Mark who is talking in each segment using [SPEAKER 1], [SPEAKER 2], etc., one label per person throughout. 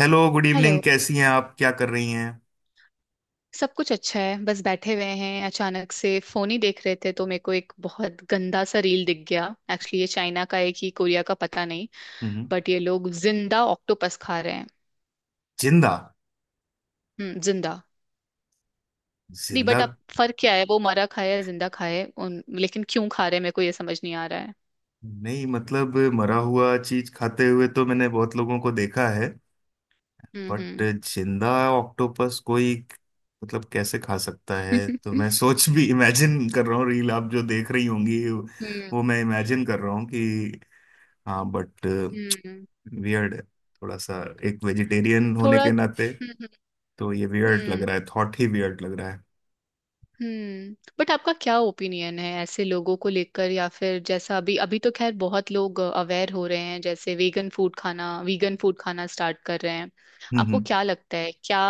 [SPEAKER 1] Hello good evening,
[SPEAKER 2] hello.
[SPEAKER 1] कैसी हैं आप? क्या कर रही हैं?
[SPEAKER 2] सब कुछ अच्छा है, बस बैठे हुए हैं। अचानक से फोन ही देख रहे थे तो मेरे को एक बहुत गंदा सा रील दिख गया। एक्चुअली ये चाइना का है कि कोरिया का पता नहीं।
[SPEAKER 1] हम्म।
[SPEAKER 2] बट ये लोग जिंदा ऑक्टोपस खा रहे हैं।
[SPEAKER 1] जिंदा?
[SPEAKER 2] हम्म, जिंदा। नहीं,
[SPEAKER 1] जिंदा?
[SPEAKER 2] बट अब फर्क क्या है? वो मरा खाया है, जिंदा खाया है, उन लेकिन क्यों खा रहे हैं? मेरे को ये समझ नहीं आ रहा है।
[SPEAKER 1] नहीं, मतलब मरा हुआ चीज खाते हुए तो मैंने बहुत लोगों को देखा है। बट
[SPEAKER 2] हम्म।
[SPEAKER 1] जिंदा ऑक्टोपस? कोई मतलब कैसे खा सकता है? तो
[SPEAKER 2] हम्म।
[SPEAKER 1] मैं सोच भी इमेजिन कर रहा हूँ, रील आप जो देख रही होंगी
[SPEAKER 2] हम्म।
[SPEAKER 1] वो मैं इमेजिन कर रहा हूँ कि, हाँ। बट
[SPEAKER 2] हम्म।
[SPEAKER 1] वियर्ड है थोड़ा सा। एक वेजिटेरियन होने
[SPEAKER 2] थोड़ा।
[SPEAKER 1] के नाते
[SPEAKER 2] हम्म। हम्म।
[SPEAKER 1] तो ये वियर्ड
[SPEAKER 2] हम्म।
[SPEAKER 1] लग रहा है, थॉट ही वियर्ड लग रहा है।
[SPEAKER 2] हम्म, बट आपका क्या ओपिनियन है ऐसे लोगों को लेकर? या फिर जैसा अभी अभी तो खैर बहुत लोग अवेयर हो रहे हैं, जैसे वेगन फूड खाना, वीगन फूड खाना स्टार्ट कर रहे हैं।
[SPEAKER 1] हम्म,
[SPEAKER 2] आपको
[SPEAKER 1] हम्म।
[SPEAKER 2] क्या लगता है? क्या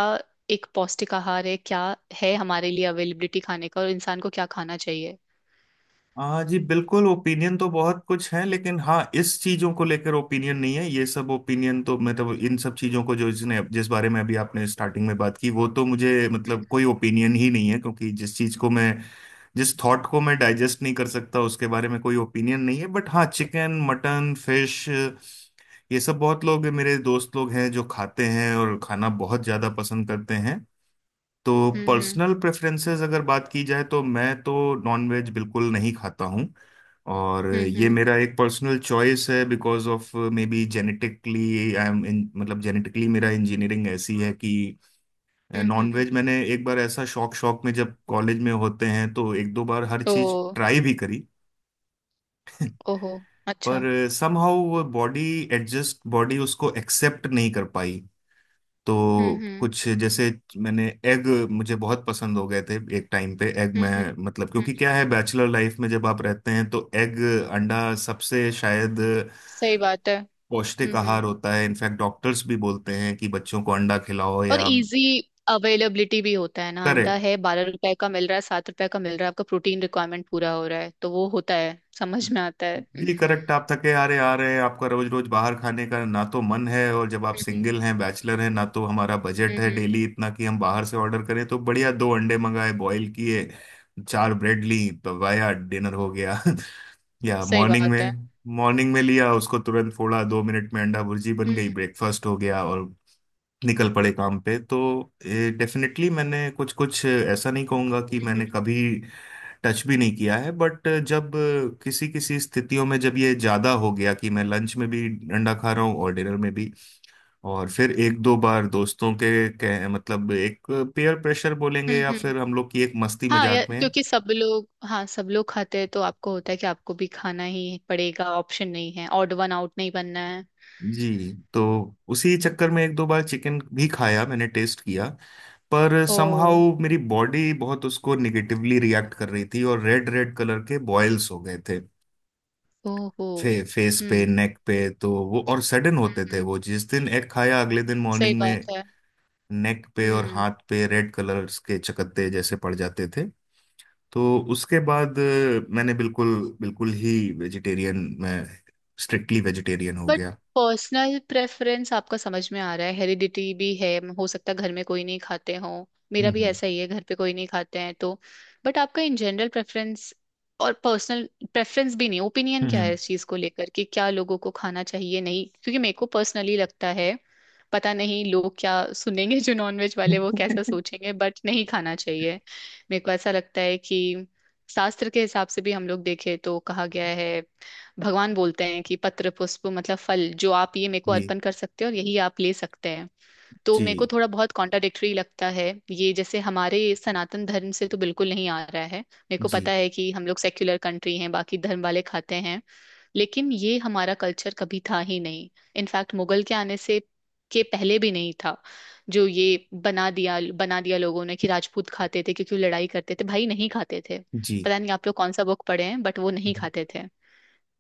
[SPEAKER 2] एक पौष्टिक आहार है? क्या है हमारे लिए अवेलेबिलिटी खाने का, और इंसान को क्या खाना चाहिए?
[SPEAKER 1] हाँ जी, बिल्कुल। ओपिनियन तो बहुत कुछ है, लेकिन हाँ, इस चीजों को लेकर ओपिनियन नहीं है। ये सब ओपिनियन तो मतलब इन सब चीजों को जो जिसने जिस बारे में अभी आपने स्टार्टिंग में बात की, वो तो मुझे
[SPEAKER 2] हम्म।
[SPEAKER 1] मतलब कोई ओपिनियन ही नहीं है, क्योंकि जिस थॉट को मैं डाइजेस्ट नहीं कर सकता उसके बारे में कोई ओपिनियन नहीं है। बट हाँ, चिकन, मटन, फिश, ये सब बहुत लोग, मेरे दोस्त लोग हैं जो खाते हैं और खाना बहुत ज्यादा पसंद करते हैं। तो
[SPEAKER 2] हम्म।
[SPEAKER 1] पर्सनल प्रेफरेंसेस अगर बात की जाए, तो मैं तो नॉनवेज बिल्कुल नहीं खाता हूँ। और
[SPEAKER 2] हम्म।
[SPEAKER 1] ये
[SPEAKER 2] हम्म।
[SPEAKER 1] मेरा एक पर्सनल चॉइस है, because of maybe genetically I am in मतलब जेनेटिकली मेरा इंजीनियरिंग ऐसी है कि
[SPEAKER 2] हम्म। हम्म।
[SPEAKER 1] नॉनवेज मैंने एक बार ऐसा शौक शौक में, जब कॉलेज में होते हैं तो एक दो बार हर
[SPEAKER 2] ओ।
[SPEAKER 1] चीज ट्राई भी करी।
[SPEAKER 2] ओहो। अच्छा।
[SPEAKER 1] पर समहाउ वो बॉडी एडजस्ट बॉडी उसको एक्सेप्ट नहीं कर पाई। तो
[SPEAKER 2] हम्म। हम्म।
[SPEAKER 1] कुछ जैसे, मैंने एग, मुझे बहुत पसंद हो गए थे एक टाइम पे एग मैं
[SPEAKER 2] हम्म। हम्म।
[SPEAKER 1] मतलब, क्योंकि
[SPEAKER 2] हम्म।
[SPEAKER 1] क्या है, बैचलर लाइफ में जब आप रहते हैं तो एग, अंडा सबसे शायद
[SPEAKER 2] सही बात है।
[SPEAKER 1] पौष्टिक
[SPEAKER 2] हम्म।
[SPEAKER 1] आहार
[SPEAKER 2] हम्म।
[SPEAKER 1] होता है। इनफैक्ट डॉक्टर्स भी बोलते हैं कि बच्चों को अंडा खिलाओ,
[SPEAKER 2] और
[SPEAKER 1] या
[SPEAKER 2] इजी अवेलेबिलिटी भी होता है ना। अंडा
[SPEAKER 1] करेक्ट।
[SPEAKER 2] है, 12 रुपए का मिल रहा है, 7 रुपए का मिल रहा है। आपका प्रोटीन रिक्वायरमेंट पूरा हो रहा है तो वो होता है, समझ में आता है।
[SPEAKER 1] जी करेक्ट। आप थके हारे आ रहे हैं, आपका रोज रोज बाहर खाने का ना तो मन है, और जब आप
[SPEAKER 2] हम्म।
[SPEAKER 1] सिंगल हैं, बैचलर हैं ना, तो हमारा
[SPEAKER 2] हम्म,
[SPEAKER 1] बजट है
[SPEAKER 2] हम्म।
[SPEAKER 1] डेली इतना कि हम बाहर से ऑर्डर करें, तो बढ़िया दो अंडे मंगाए, बॉईल किए, चार ब्रेड ली, पवाया, डिनर हो गया। या
[SPEAKER 2] सही
[SPEAKER 1] मॉर्निंग
[SPEAKER 2] बात है।
[SPEAKER 1] में। मॉर्निंग में लिया उसको, तुरंत फोड़ा, दो मिनट में अंडा भुर्जी बन गई,
[SPEAKER 2] हम्म।
[SPEAKER 1] ब्रेकफास्ट हो गया और निकल पड़े काम पे। तो डेफिनेटली, मैंने कुछ, कुछ ऐसा नहीं कहूंगा कि
[SPEAKER 2] हम्म। हम्म।
[SPEAKER 1] मैंने कभी टच भी नहीं किया है। बट जब किसी किसी स्थितियों में जब ये ज्यादा हो गया कि मैं लंच में भी अंडा खा रहा हूँ और डिनर में भी, और फिर एक दो बार दोस्तों के मतलब, एक पेयर प्रेशर बोलेंगे,
[SPEAKER 2] हम्म।
[SPEAKER 1] या
[SPEAKER 2] हम्म।
[SPEAKER 1] फिर हम लोग की एक मस्ती
[SPEAKER 2] हाँ यार,
[SPEAKER 1] मजाक में।
[SPEAKER 2] क्योंकि सब लोग, हाँ, सब लोग खाते हैं तो आपको होता है कि आपको भी खाना ही पड़ेगा। ऑप्शन नहीं है, ऑड वन आउट नहीं बनना है।
[SPEAKER 1] जी। तो उसी चक्कर में एक दो बार चिकन भी खाया, मैंने टेस्ट किया। पर
[SPEAKER 2] ओ।
[SPEAKER 1] समहाउ मेरी बॉडी बहुत उसको निगेटिवली रिएक्ट कर रही थी और रेड रेड कलर के बॉयल्स हो गए थे,
[SPEAKER 2] ओहो।
[SPEAKER 1] फेस पे,
[SPEAKER 2] हम्म
[SPEAKER 1] नेक पे। तो वो और सडन
[SPEAKER 2] हम्म।
[SPEAKER 1] होते थे, वो, जिस दिन एग खाया अगले दिन
[SPEAKER 2] सही
[SPEAKER 1] मॉर्निंग में
[SPEAKER 2] बात है।
[SPEAKER 1] नेक पे और
[SPEAKER 2] हम्म,
[SPEAKER 1] हाथ पे रेड कलर्स के चकत्ते जैसे पड़ जाते थे। तो उसके बाद मैंने बिल्कुल, बिल्कुल ही वेजिटेरियन मैं स्ट्रिक्टली वेजिटेरियन हो
[SPEAKER 2] बट
[SPEAKER 1] गया।
[SPEAKER 2] पर्सनल प्रेफरेंस आपका समझ में आ रहा है, हेरिडिटी भी है। हो सकता है घर में कोई नहीं खाते हो।
[SPEAKER 1] हम्म,
[SPEAKER 2] मेरा भी
[SPEAKER 1] हम्म,
[SPEAKER 2] ऐसा ही है, घर पे कोई नहीं खाते हैं तो। बट आपका इन जनरल प्रेफरेंस और पर्सनल प्रेफरेंस भी नहीं, ओपिनियन क्या
[SPEAKER 1] हम्म,
[SPEAKER 2] है इस चीज को लेकर कि क्या लोगों को खाना चाहिए? नहीं, क्योंकि मेरे को पर्सनली लगता है, पता नहीं लोग क्या सुनेंगे, जो नॉनवेज वाले वो
[SPEAKER 1] हम्म।
[SPEAKER 2] कैसा सोचेंगे, बट नहीं खाना चाहिए। मेरे को ऐसा लगता है कि शास्त्र के हिसाब से भी हम लोग देखें तो कहा गया है, भगवान बोलते हैं कि पत्र पुष्प, मतलब फल जो आप ये मेरे को
[SPEAKER 1] जी,
[SPEAKER 2] अर्पण कर सकते हो, और यही आप ले सकते हैं। तो
[SPEAKER 1] जी,
[SPEAKER 2] मेरे को थोड़ा बहुत कॉन्ट्राडिक्टरी लगता है। ये जैसे हमारे सनातन धर्म से तो बिल्कुल नहीं आ रहा है। मेरे को पता है कि हम लोग सेक्युलर कंट्री हैं, बाकी धर्म वाले खाते हैं, लेकिन ये हमारा कल्चर कभी था ही नहीं। इनफैक्ट मुगल के आने से के पहले भी नहीं था। जो ये बना दिया लोगों ने कि राजपूत खाते थे क्योंकि वो लड़ाई करते थे, भाई नहीं खाते थे।
[SPEAKER 1] जी,
[SPEAKER 2] पता नहीं आप लोग कौन सा बुक पढ़े हैं, बट वो नहीं
[SPEAKER 1] जी।
[SPEAKER 2] खाते थे।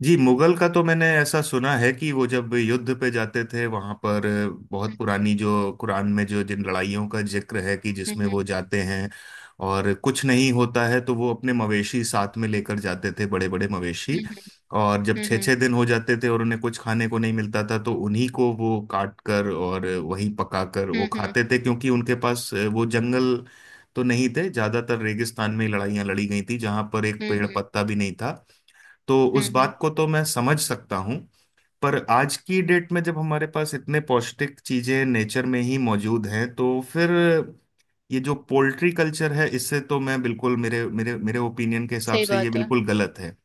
[SPEAKER 1] जी, मुगल का तो मैंने ऐसा सुना है कि वो जब युद्ध पे जाते थे, वहां पर बहुत पुरानी जो कुरान में जो जिन लड़ाइयों का जिक्र है कि जिसमें
[SPEAKER 2] हम्म।
[SPEAKER 1] वो जाते हैं और कुछ नहीं होता है, तो वो अपने मवेशी साथ में लेकर जाते थे, बड़े बड़े मवेशी।
[SPEAKER 2] हम्म।
[SPEAKER 1] और जब छः
[SPEAKER 2] हम्म।
[SPEAKER 1] छः दिन हो जाते थे और उन्हें कुछ खाने को नहीं मिलता था, तो उन्हीं को वो काट कर और वहीं पका कर वो
[SPEAKER 2] हम्म। हम्म।
[SPEAKER 1] खाते थे, क्योंकि उनके पास वो जंगल तो नहीं थे, ज्यादातर रेगिस्तान में लड़ाइयाँ लड़ी गई थी जहां पर एक
[SPEAKER 2] हम्म।
[SPEAKER 1] पेड़
[SPEAKER 2] हम्म।
[SPEAKER 1] पत्ता भी नहीं था। तो
[SPEAKER 2] हम्म,
[SPEAKER 1] उस
[SPEAKER 2] हम्म,
[SPEAKER 1] बात को तो मैं समझ सकता हूँ। पर आज की डेट में जब हमारे पास इतने पौष्टिक चीजें नेचर में ही मौजूद हैं, तो फिर ये जो पोल्ट्री कल्चर है, इससे तो मैं बिल्कुल, मेरे मेरे मेरे ओपिनियन के हिसाब
[SPEAKER 2] सही
[SPEAKER 1] से ये
[SPEAKER 2] बात है।
[SPEAKER 1] बिल्कुल गलत है।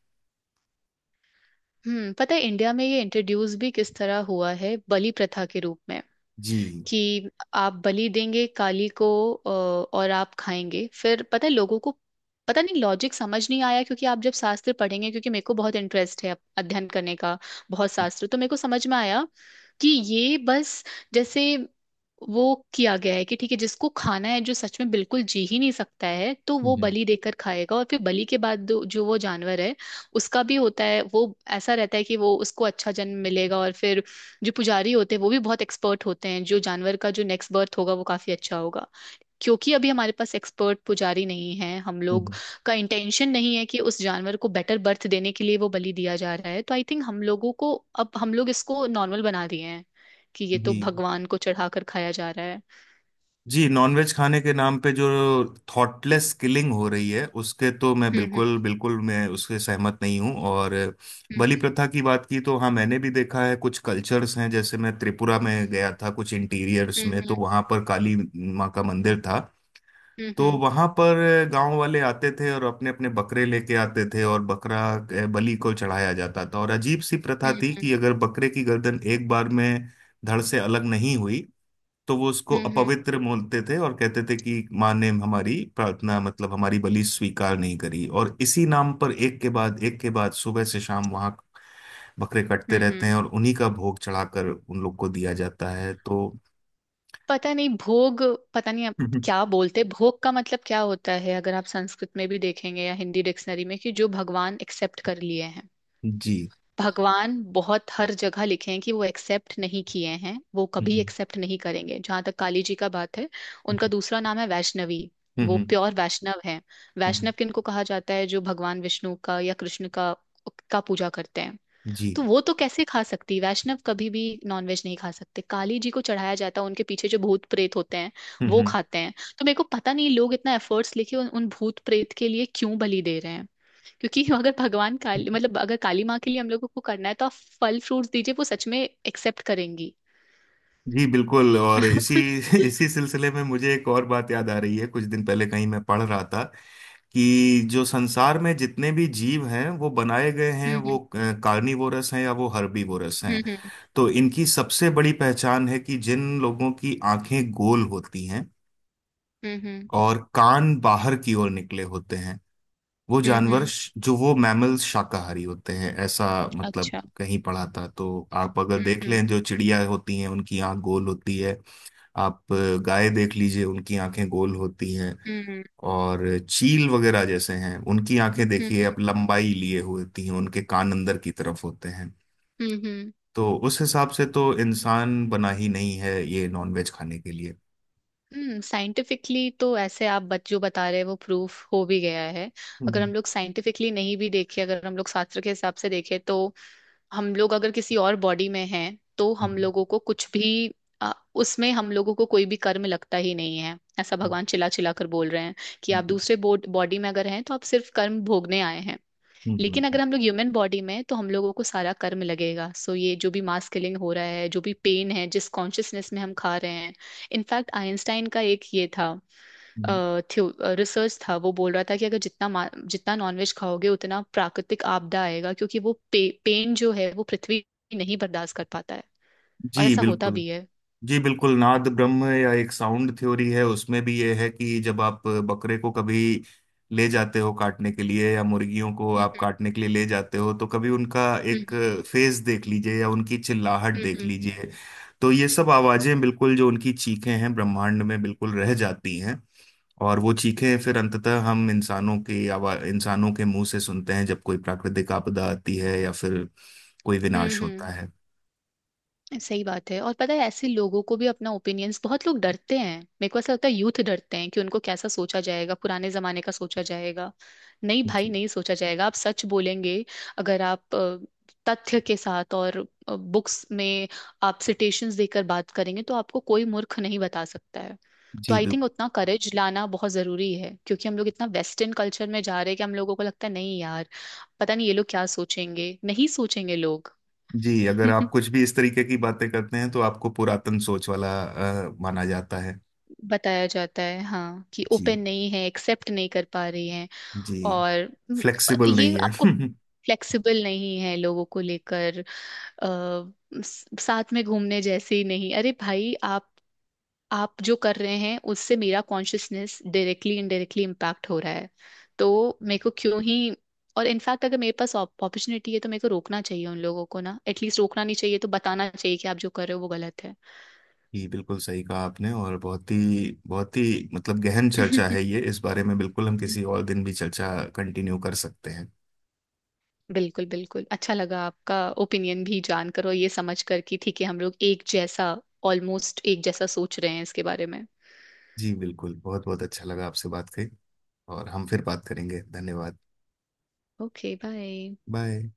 [SPEAKER 2] हम्म, पता है इंडिया में ये इंट्रोड्यूस भी किस तरह हुआ है? बलि प्रथा के रूप में
[SPEAKER 1] जी,
[SPEAKER 2] कि आप बलि देंगे काली को, और आप खाएंगे। फिर पता है लोगों को, पता नहीं लॉजिक समझ नहीं आया, क्योंकि आप जब शास्त्र पढ़ेंगे, क्योंकि मेरे को बहुत इंटरेस्ट है अध्ययन करने का। बहुत
[SPEAKER 1] हम्म,
[SPEAKER 2] शास्त्र तो मेरे को समझ में आया कि ये बस, जैसे वो किया गया है कि ठीक है, जिसको खाना है, जो सच में बिल्कुल जी ही नहीं सकता है, तो वो
[SPEAKER 1] हम्म,
[SPEAKER 2] बलि देकर खाएगा। और फिर बलि के बाद जो जो वो जानवर है, उसका भी होता है वो, ऐसा रहता है कि वो उसको अच्छा जन्म मिलेगा। और फिर जो पुजारी होते हैं वो भी बहुत एक्सपर्ट होते हैं, जो जानवर का जो नेक्स्ट बर्थ होगा वो काफी अच्छा होगा। क्योंकि अभी हमारे पास एक्सपर्ट पुजारी नहीं है, हम लोग
[SPEAKER 1] हम्म।
[SPEAKER 2] का इंटेंशन नहीं है कि उस जानवर को बेटर बर्थ देने के लिए वो बलि दिया जा रहा है। तो आई थिंक हम लोगों को, अब हम लोग इसको नॉर्मल बना दिए हैं कि ये
[SPEAKER 1] जी,
[SPEAKER 2] तो भगवान को चढ़ाकर खाया जा रहा है।
[SPEAKER 1] जी। नॉनवेज खाने के नाम पे जो थॉटलेस किलिंग हो रही है, उसके तो मैं
[SPEAKER 2] हम्म।
[SPEAKER 1] बिल्कुल, बिल्कुल, मैं उसके सहमत नहीं हूँ। और बलि
[SPEAKER 2] हम्म।
[SPEAKER 1] प्रथा की बात की, तो हाँ, मैंने भी देखा है। कुछ कल्चर्स हैं, जैसे मैं त्रिपुरा में गया था, कुछ इंटीरियर्स में, तो
[SPEAKER 2] हम्म।
[SPEAKER 1] वहाँ पर काली माँ का मंदिर था।
[SPEAKER 2] हम्म।
[SPEAKER 1] तो
[SPEAKER 2] हम्म।
[SPEAKER 1] वहाँ पर गांव वाले आते थे और अपने अपने बकरे लेके आते थे, और बकरा बलि को चढ़ाया जाता था। और अजीब सी प्रथा थी
[SPEAKER 2] हम्म।
[SPEAKER 1] कि अगर बकरे की गर्दन एक बार में धड़ से अलग नहीं हुई, तो वो उसको
[SPEAKER 2] हम्म। हम्म। हम्म। हम्म।
[SPEAKER 1] अपवित्र बोलते थे और कहते थे कि माँ ने हमारी प्रार्थना, मतलब हमारी बलि स्वीकार नहीं करी। और इसी नाम पर एक के बाद सुबह से शाम वहां बकरे कटते
[SPEAKER 2] हम्म।
[SPEAKER 1] रहते
[SPEAKER 2] हम्म।
[SPEAKER 1] हैं और उन्हीं का भोग चढ़ाकर उन लोग को दिया जाता है। तो
[SPEAKER 2] पता नहीं भोग, पता नहीं आप
[SPEAKER 1] हम्म,
[SPEAKER 2] क्या बोलते, भोग का मतलब क्या होता है? अगर आप संस्कृत में भी देखेंगे या हिंदी डिक्शनरी में, कि जो भगवान एक्सेप्ट कर लिए हैं।
[SPEAKER 1] जी,
[SPEAKER 2] भगवान बहुत हर जगह लिखे हैं कि वो एक्सेप्ट नहीं किए हैं, वो कभी
[SPEAKER 1] हम्म,
[SPEAKER 2] एक्सेप्ट नहीं करेंगे। जहां तक काली जी का बात है, उनका
[SPEAKER 1] हम्म,
[SPEAKER 2] दूसरा नाम है वैष्णवी।
[SPEAKER 1] हम्म,
[SPEAKER 2] वो प्योर वैष्णव है।
[SPEAKER 1] हम्म,
[SPEAKER 2] वैष्णव किनको कहा जाता है? जो भगवान विष्णु का या कृष्ण का पूजा करते हैं।
[SPEAKER 1] जी,
[SPEAKER 2] तो वो तो कैसे खा सकती? वैष्णव कभी भी नॉनवेज नहीं खा सकते। काली जी को चढ़ाया जाता है, उनके पीछे जो भूत प्रेत होते हैं वो
[SPEAKER 1] हम्म।
[SPEAKER 2] खाते हैं। तो मेरे को पता नहीं लोग इतना एफर्ट्स लेके उन भूत प्रेत के लिए क्यों बलि दे रहे हैं, क्योंकि अगर भगवान काली, मतलब अगर काली माँ के लिए हम लोगों को करना है, तो आप फल फ्रूट्स दीजिए, वो सच में एक्सेप्ट करेंगी।
[SPEAKER 1] जी बिल्कुल। और इसी इसी सिलसिले में मुझे एक और बात याद आ रही है। कुछ दिन पहले कहीं मैं पढ़ रहा था कि जो संसार में जितने भी जीव हैं, वो बनाए गए हैं, वो
[SPEAKER 2] हम्म।
[SPEAKER 1] कार्निवोरस हैं या वो हर्बीवोरस
[SPEAKER 2] हम्म।
[SPEAKER 1] हैं।
[SPEAKER 2] हम्म।
[SPEAKER 1] तो इनकी सबसे बड़ी पहचान है कि जिन लोगों की आंखें गोल होती हैं
[SPEAKER 2] हम्म। हम्म।
[SPEAKER 1] और कान बाहर की ओर निकले होते हैं, वो
[SPEAKER 2] हम्म,
[SPEAKER 1] जानवर, जो वो मैमल्स शाकाहारी होते हैं, ऐसा मतलब
[SPEAKER 2] अच्छा।
[SPEAKER 1] कहीं पढ़ा था। तो आप अगर
[SPEAKER 2] हम्म।
[SPEAKER 1] देख
[SPEAKER 2] हम्म।
[SPEAKER 1] लें, जो चिड़िया होती हैं, उनकी आंख गोल होती है। आप गाय देख लीजिए, उनकी आंखें गोल होती हैं।
[SPEAKER 2] हम्म।
[SPEAKER 1] और चील वगैरह जैसे हैं, उनकी आंखें देखिए
[SPEAKER 2] हम्म।
[SPEAKER 1] आप, लंबाई लिए हुए होती हैं, उनके कान अंदर की तरफ होते हैं।
[SPEAKER 2] हम्म। हम्म।
[SPEAKER 1] तो उस हिसाब से तो इंसान बना ही नहीं है ये नॉनवेज खाने के लिए।
[SPEAKER 2] हम्म, साइंटिफिकली तो ऐसे आप बच जो बता रहे हैं वो प्रूफ हो भी गया है। अगर
[SPEAKER 1] हम्म,
[SPEAKER 2] हम लोग साइंटिफिकली नहीं भी देखें, अगर हम लोग शास्त्र के हिसाब से देखें तो हम लोग अगर किसी और बॉडी में हैं, तो हम
[SPEAKER 1] हम्म,
[SPEAKER 2] लोगों को कुछ भी, अ, उसमें हम लोगों को कोई भी कर्म लगता ही नहीं है। ऐसा
[SPEAKER 1] हम्म,
[SPEAKER 2] भगवान चिल्ला चिल्ला कर बोल रहे हैं कि आप
[SPEAKER 1] हम्म,
[SPEAKER 2] दूसरे बॉडी में अगर हैं तो आप सिर्फ कर्म भोगने आए हैं।
[SPEAKER 1] हम्म, हम्म,
[SPEAKER 2] लेकिन
[SPEAKER 1] हम्म,
[SPEAKER 2] अगर हम लोग ह्यूमन बॉडी में हैं, तो हम लोगों को सारा कर्म लगेगा। सो ये जो भी मास किलिंग हो रहा है, जो भी पेन है, जिस कॉन्शियसनेस में हम खा रहे हैं। इनफैक्ट आइंस्टाइन का एक ये था,
[SPEAKER 1] हम्म।
[SPEAKER 2] रिसर्च था, वो बोल रहा था कि अगर जितना नॉनवेज खाओगे, उतना प्राकृतिक आपदा आएगा, क्योंकि वो पेन जो है वो पृथ्वी नहीं बर्दाश्त कर पाता है। और
[SPEAKER 1] जी
[SPEAKER 2] ऐसा होता
[SPEAKER 1] बिल्कुल।
[SPEAKER 2] भी है।
[SPEAKER 1] जी बिल्कुल। नाद ब्रह्म, या एक साउंड थ्योरी है, उसमें भी ये है कि जब आप बकरे को कभी ले जाते हो काटने के लिए, या मुर्गियों को आप
[SPEAKER 2] हम्म।
[SPEAKER 1] काटने के लिए ले जाते हो, तो कभी उनका
[SPEAKER 2] हम्म।
[SPEAKER 1] एक
[SPEAKER 2] हम्म।
[SPEAKER 1] फेस देख लीजिए, या उनकी चिल्लाहट
[SPEAKER 2] हम्म।
[SPEAKER 1] देख
[SPEAKER 2] हम्म।
[SPEAKER 1] लीजिए। तो ये सब आवाजें, बिल्कुल जो उनकी चीखें हैं, ब्रह्मांड में बिल्कुल रह जाती हैं। और वो चीखें फिर अंततः हम इंसानों की आवाज इंसानों के मुंह से सुनते हैं, जब कोई प्राकृतिक आपदा आती है, या फिर कोई
[SPEAKER 2] हम्म,
[SPEAKER 1] विनाश होता है।
[SPEAKER 2] सही बात है। और पता है ऐसे लोगों को भी अपना ओपिनियंस, बहुत लोग डरते हैं। मेरे को ऐसा लगता है यूथ डरते हैं कि उनको कैसा सोचा जाएगा, पुराने जमाने का सोचा जाएगा। नहीं भाई,
[SPEAKER 1] जी,
[SPEAKER 2] नहीं सोचा जाएगा। आप सच बोलेंगे, अगर आप तथ्य के साथ और बुक्स में आप सिटेशंस देकर बात करेंगे, तो आपको कोई मूर्ख नहीं बता सकता है। तो
[SPEAKER 1] जी
[SPEAKER 2] आई थिंक
[SPEAKER 1] बिल्कुल।
[SPEAKER 2] उतना करेज लाना बहुत जरूरी है, क्योंकि हम लोग इतना वेस्टर्न कल्चर में जा रहे हैं कि हम लोगों को लगता है, नहीं यार, पता नहीं ये लोग क्या सोचेंगे। नहीं सोचेंगे लोग।
[SPEAKER 1] जी, अगर आप कुछ भी इस तरीके की बातें करते हैं, तो आपको पुरातन सोच वाला माना जाता है।
[SPEAKER 2] बताया जाता है, हाँ, कि
[SPEAKER 1] जी,
[SPEAKER 2] ओपन नहीं है, एक्सेप्ट नहीं कर पा रही हैं।
[SPEAKER 1] जी।
[SPEAKER 2] और
[SPEAKER 1] फ्लेक्सिबल
[SPEAKER 2] ये
[SPEAKER 1] नहीं है।
[SPEAKER 2] आपको फ्लेक्सिबल नहीं है, लोगों को लेकर, साथ में घूमने जैसे ही नहीं। अरे भाई, आप जो कर रहे हैं उससे मेरा कॉन्शियसनेस डायरेक्टली इनडायरेक्टली इम्पैक्ट हो रहा है। तो मेरे को क्यों ही। और इनफैक्ट अगर मेरे पास अपॉर्चुनिटी है, तो मेरे को रोकना चाहिए उन लोगों को। ना एटलीस्ट रोकना नहीं चाहिए तो बताना चाहिए कि आप जो कर रहे हो वो गलत है।
[SPEAKER 1] जी बिल्कुल, सही कहा आपने। और बहुत ही, बहुत ही, मतलब, गहन चर्चा है ये, इस बारे में। बिल्कुल, हम किसी और दिन भी चर्चा कंटिन्यू कर सकते हैं।
[SPEAKER 2] बिल्कुल, बिल्कुल, अच्छा लगा आपका ओपिनियन भी जानकर। और ये समझ कर कि ठीक है, हम लोग एक जैसा, ऑलमोस्ट एक जैसा सोच रहे हैं इसके बारे में।
[SPEAKER 1] जी बिल्कुल। बहुत बहुत अच्छा लगा आपसे बात करी। और हम फिर बात करेंगे। धन्यवाद।
[SPEAKER 2] Okay, bye.
[SPEAKER 1] बाय।